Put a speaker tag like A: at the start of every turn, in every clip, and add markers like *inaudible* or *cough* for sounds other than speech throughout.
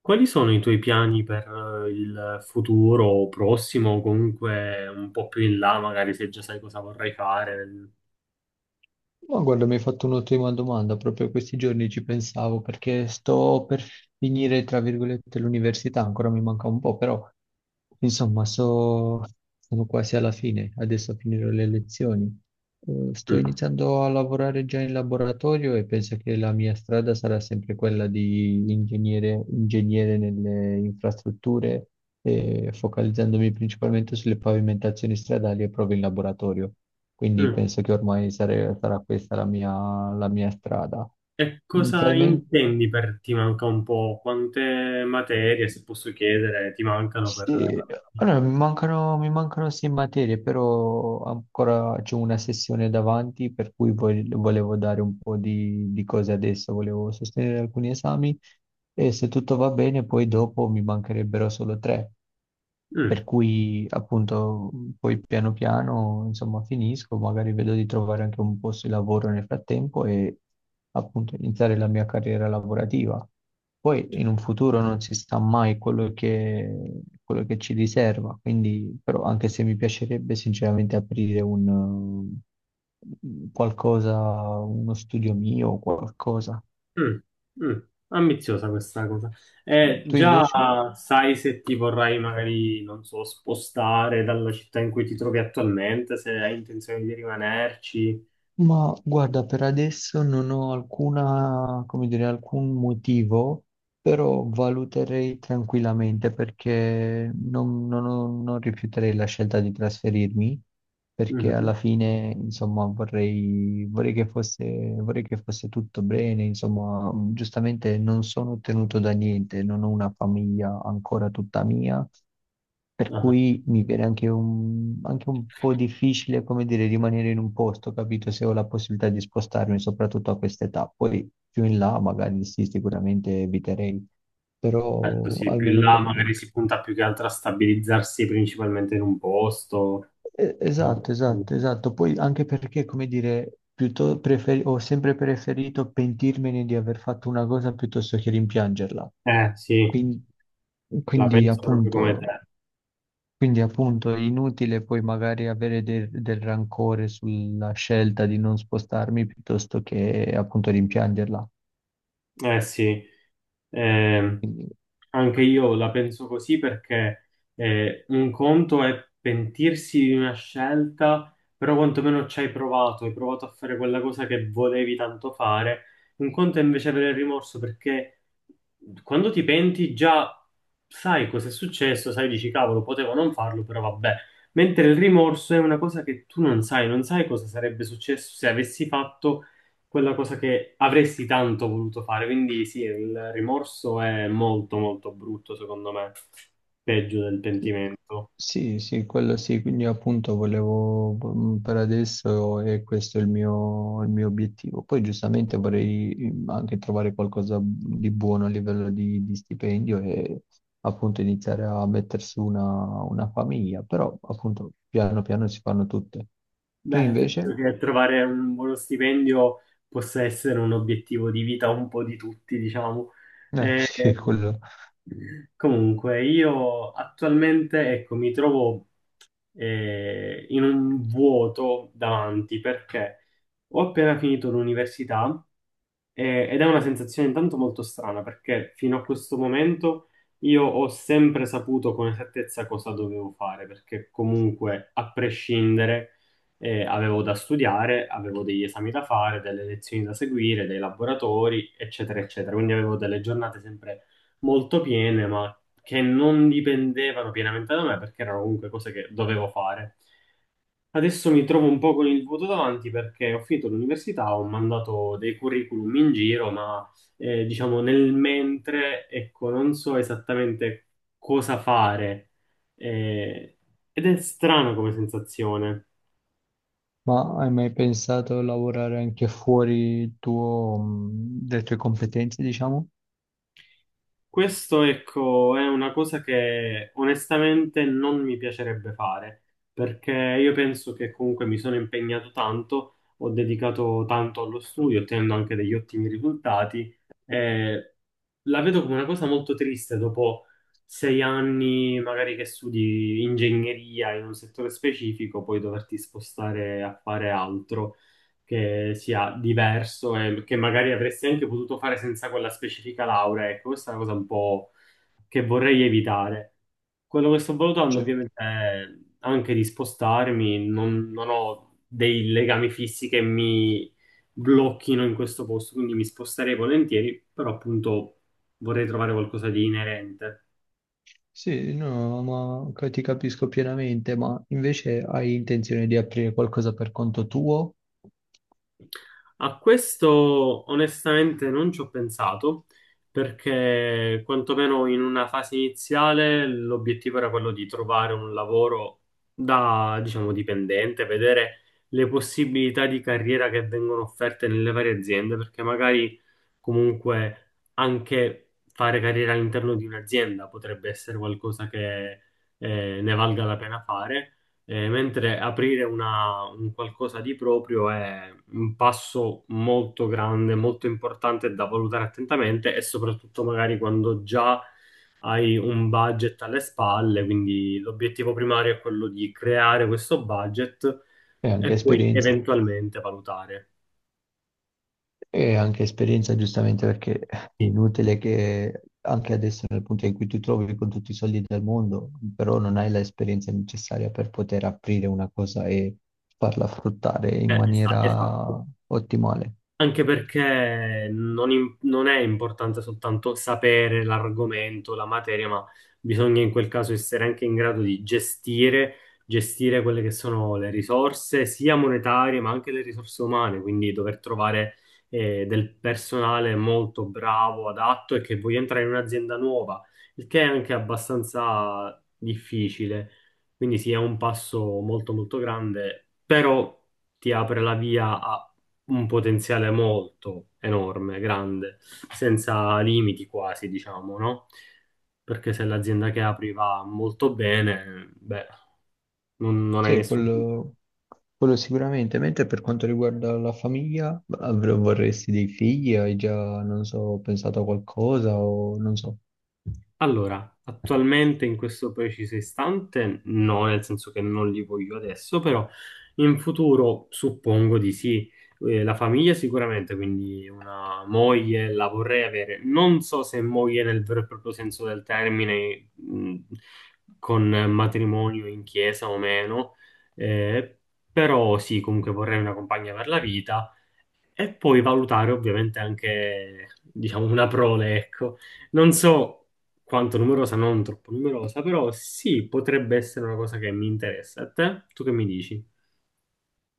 A: Quali sono i tuoi piani per il futuro prossimo o comunque un po' più in là, magari se già sai cosa vorrai fare?
B: Ma guarda, mi hai fatto un'ottima domanda, proprio questi giorni ci pensavo perché sto per finire, tra virgolette, l'università, ancora mi manca un po', però insomma sono quasi alla fine, adesso finirò le lezioni. Sto
A: Mm,
B: iniziando a lavorare già in laboratorio e penso che la mia strada sarà sempre quella di ingegnere, ingegnere nelle infrastrutture, focalizzandomi principalmente sulle pavimentazioni stradali e prove in laboratorio. Quindi
A: mm.
B: penso che ormai sarà questa la mia strada.
A: E cosa
B: Inizialmente,
A: intendi per ti manca un po'? Quante materie, se posso chiedere, ti mancano per...
B: sì,
A: la-
B: allora, mi mancano sei materie, però ancora c'è una sessione davanti, per cui volevo dare un po' di cose adesso, volevo sostenere alcuni esami. E se tutto va bene, poi dopo mi mancherebbero solo tre.
A: Mm,
B: Per cui appunto poi piano piano insomma finisco, magari vedo di trovare anche un posto di lavoro nel frattempo e appunto iniziare la mia carriera lavorativa. Poi in un futuro non si sa mai quello che ci riserva, quindi però anche se mi piacerebbe sinceramente aprire un qualcosa, uno studio mio o qualcosa.
A: mm, mm. Ambiziosa questa cosa.
B: Tu
A: Già
B: invece?
A: sai se ti vorrai magari, non so, spostare dalla città in cui ti trovi attualmente, se hai intenzione di rimanerci?
B: Ma guarda, per adesso non ho alcuna, come dire, alcun motivo, però valuterei tranquillamente perché non rifiuterei la scelta di trasferirmi, perché alla
A: Mhm.
B: fine, insomma, vorrei che fosse tutto bene, insomma, giustamente non sono tenuto da niente, non ho una famiglia ancora tutta mia per
A: Ah,
B: cui mi viene anche un po' difficile, come dire, rimanere in un posto, capito? Se ho la possibilità di spostarmi, soprattutto a questa età. Poi più in là, magari sì, sicuramente eviterei,
A: certo,
B: però
A: sì, più in
B: almeno
A: là
B: per adesso.
A: magari si punta più che altro a stabilizzarsi principalmente in un posto.
B: Esatto, esatto, esatto. Poi anche perché, come dire, piuttosto ho sempre preferito pentirmene di aver fatto una cosa piuttosto che rimpiangerla.
A: Sì,
B: Quindi,
A: la
B: quindi,
A: penso proprio come
B: appunto.
A: te.
B: Quindi appunto è inutile poi magari avere del rancore sulla scelta di non spostarmi piuttosto che appunto rimpiangerla.
A: Eh sì, eh,
B: Quindi,
A: anche io la penso così perché un conto è pentirsi di una scelta, però quantomeno ci hai provato a fare quella cosa che volevi tanto fare. Un conto è invece avere il rimorso perché quando ti penti già sai cosa è successo, sai, dici cavolo, potevo non farlo, però vabbè. Mentre il rimorso è una cosa che tu non sai, non sai cosa sarebbe successo se avessi fatto quella cosa che avresti tanto voluto fare. Quindi sì, il rimorso è molto molto brutto, secondo me, peggio del
B: sì,
A: pentimento.
B: sì, sì, quello sì, quindi appunto volevo, per adesso è questo il mio obiettivo. Poi giustamente vorrei anche trovare qualcosa di buono a livello di stipendio e appunto iniziare a mettere su una famiglia, però appunto piano piano si fanno tutte. Tu
A: Beh, penso
B: invece?
A: che trovare un buono stipendio possa essere un obiettivo di vita un po' di tutti, diciamo.
B: *laughs*
A: Eh,
B: Sì, quello.
A: Comunque, io attualmente, ecco, mi trovo in un vuoto davanti perché ho appena finito l'università, ed è una sensazione intanto molto strana perché fino a questo momento io ho sempre saputo con esattezza cosa dovevo fare perché comunque, a prescindere, avevo da studiare, avevo degli esami da fare, delle lezioni da seguire, dei laboratori, eccetera, eccetera. Quindi avevo delle giornate sempre molto piene, ma che non dipendevano pienamente da me perché erano comunque cose che dovevo fare. Adesso mi trovo un po' con il vuoto davanti perché ho finito l'università, ho mandato dei curriculum in giro, ma diciamo nel mentre, ecco, non so esattamente cosa fare. Eh, Ed è strano come sensazione.
B: Ma hai mai pensato a lavorare anche fuori il tuo, le tue competenze, diciamo?
A: Questo, ecco, è una cosa che onestamente non mi piacerebbe fare, perché io penso che comunque mi sono impegnato tanto, ho dedicato tanto allo studio, ottenendo anche degli ottimi risultati. eh, la vedo come una cosa molto triste dopo sei anni, magari che studi ingegneria in un settore specifico, poi doverti spostare a fare altro che sia diverso e che magari avresti anche potuto fare senza quella specifica laurea. Ecco, questa è una cosa un po' che vorrei evitare. Quello che sto valutando
B: Cioè,
A: ovviamente è anche di spostarmi, non ho dei legami fissi che mi blocchino in questo posto, quindi mi sposterei volentieri, però appunto vorrei trovare qualcosa di inerente.
B: sì, no, ma ti capisco pienamente, ma invece hai intenzione di aprire qualcosa per conto tuo
A: A questo onestamente non ci ho pensato perché quantomeno in una fase iniziale l'obiettivo era quello di trovare un lavoro da, diciamo, dipendente, vedere le possibilità di carriera che vengono offerte nelle varie aziende, perché magari comunque anche fare carriera all'interno di un'azienda potrebbe essere qualcosa che ne valga la pena fare. Mentre un qualcosa di proprio è un passo molto grande, molto importante da valutare attentamente e soprattutto magari quando già hai un budget alle spalle, quindi l'obiettivo primario è quello di creare questo budget
B: e
A: e
B: anche
A: poi
B: esperienza?
A: eventualmente valutare.
B: E anche esperienza, giustamente, perché è
A: Sì,
B: inutile che anche adesso, nel punto in cui ti trovi con tutti i soldi del mondo, però non hai l'esperienza necessaria per poter aprire una cosa e farla fruttare in maniera
A: esatto.
B: ottimale.
A: Anche perché non è importante soltanto sapere l'argomento, la materia, ma bisogna in quel caso essere anche in grado di gestire, gestire quelle che sono le risorse, sia monetarie, ma anche le risorse umane, quindi dover trovare del personale molto bravo, adatto e che voglia entrare in un'azienda nuova, il che è anche abbastanza difficile. Quindi sì, è un passo molto molto grande, però ti apre la via a un potenziale molto enorme, grande, senza limiti quasi, diciamo, no? Perché se l'azienda che apri va molto bene, beh, non, non hai
B: Sì,
A: nessun...
B: quello sicuramente. Mentre per quanto riguarda la famiglia, vorresti dei figli? Hai già, non so, pensato a qualcosa o non so.
A: Allora, attualmente in questo preciso istante no, nel senso che non li voglio adesso, però in futuro suppongo di sì. La famiglia sicuramente, quindi una moglie la vorrei avere. Non so se moglie nel vero e proprio senso del termine, con matrimonio in chiesa o meno, eh, però sì, comunque vorrei una compagna per la vita. E poi valutare ovviamente anche, diciamo, una prole, ecco. Non so quanto numerosa, non troppo numerosa, però sì, potrebbe essere una cosa che mi interessa. A te? Tu che mi dici?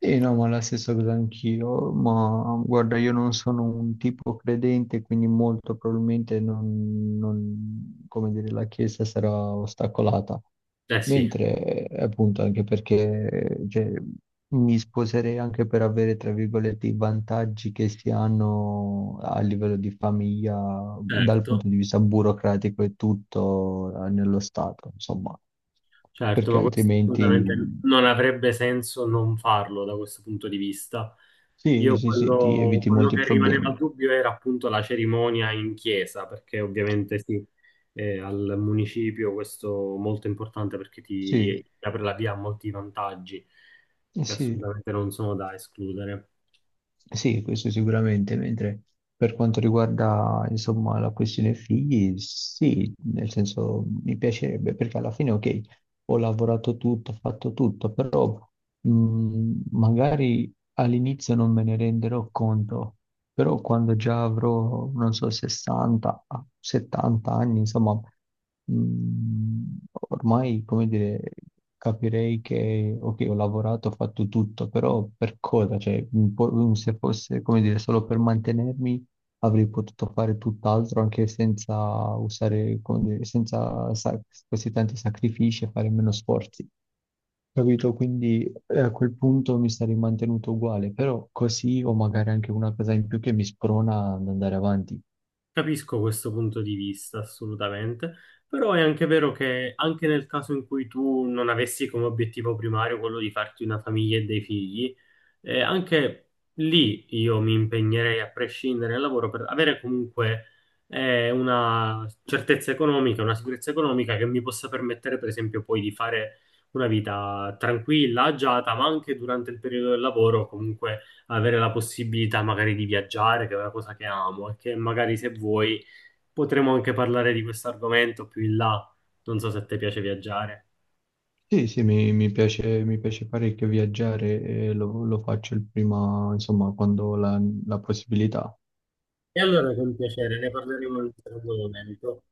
B: Sì, no, ma la stessa cosa anch'io, ma guarda, io non sono un tipo credente, quindi molto probabilmente come dire, la Chiesa sarà ostacolata.
A: Eh sì,
B: Mentre, appunto, anche perché cioè, mi sposerei anche per avere, tra virgolette, i vantaggi che si hanno a livello di famiglia, dal
A: certo.
B: punto di vista burocratico e tutto nello Stato, insomma,
A: Certo,
B: perché
A: ma questo assolutamente
B: altrimenti.
A: non avrebbe senso non farlo da questo punto di vista.
B: Sì,
A: Io
B: sì, sì, ti
A: quello,
B: eviti
A: quello
B: molti
A: che rimaneva a
B: problemi.
A: dubbio era appunto la cerimonia in chiesa, perché ovviamente sì, al municipio questo è molto importante perché ti,
B: Sì,
A: ti apre la via a molti vantaggi
B: eh
A: che
B: sì,
A: assolutamente non sono da escludere.
B: sì, questo sicuramente, mentre per quanto riguarda, insomma, la questione figli, sì, nel senso mi piacerebbe, perché alla fine, ok, ho lavorato tutto, ho fatto tutto, però magari all'inizio non me ne renderò conto. Però quando già avrò, non so, 60, ah, 70 anni, insomma, mh, ormai, come dire, capirei che, ok, ho lavorato, ho fatto tutto, però per cosa? Cioè, un po', se fosse, come dire, solo per mantenermi, avrei potuto fare tutt'altro anche senza usare, come dire, senza sa- questi tanti sacrifici e fare meno sforzi. Capito? Quindi a quel punto mi sarei mantenuto uguale, però così ho magari anche una cosa in più che mi sprona ad andare avanti.
A: Capisco questo punto di vista, assolutamente, però è anche vero che anche nel caso in cui tu non avessi come obiettivo primario quello di farti una famiglia e dei figli, e anche lì io mi impegnerei a prescindere dal lavoro per avere comunque una certezza economica, una sicurezza economica che mi possa permettere, per esempio, poi di fare una vita tranquilla, agiata, ma anche durante il periodo del lavoro, comunque avere la possibilità magari di viaggiare, che è una cosa che amo, e che magari se vuoi potremo anche parlare di questo argomento più in là. Non so se a te piace viaggiare.
B: Sì, sì, mi piace parecchio viaggiare e lo faccio il prima, insomma, quando ho la possibilità.
A: E allora con piacere ne parleremo in un altro momento.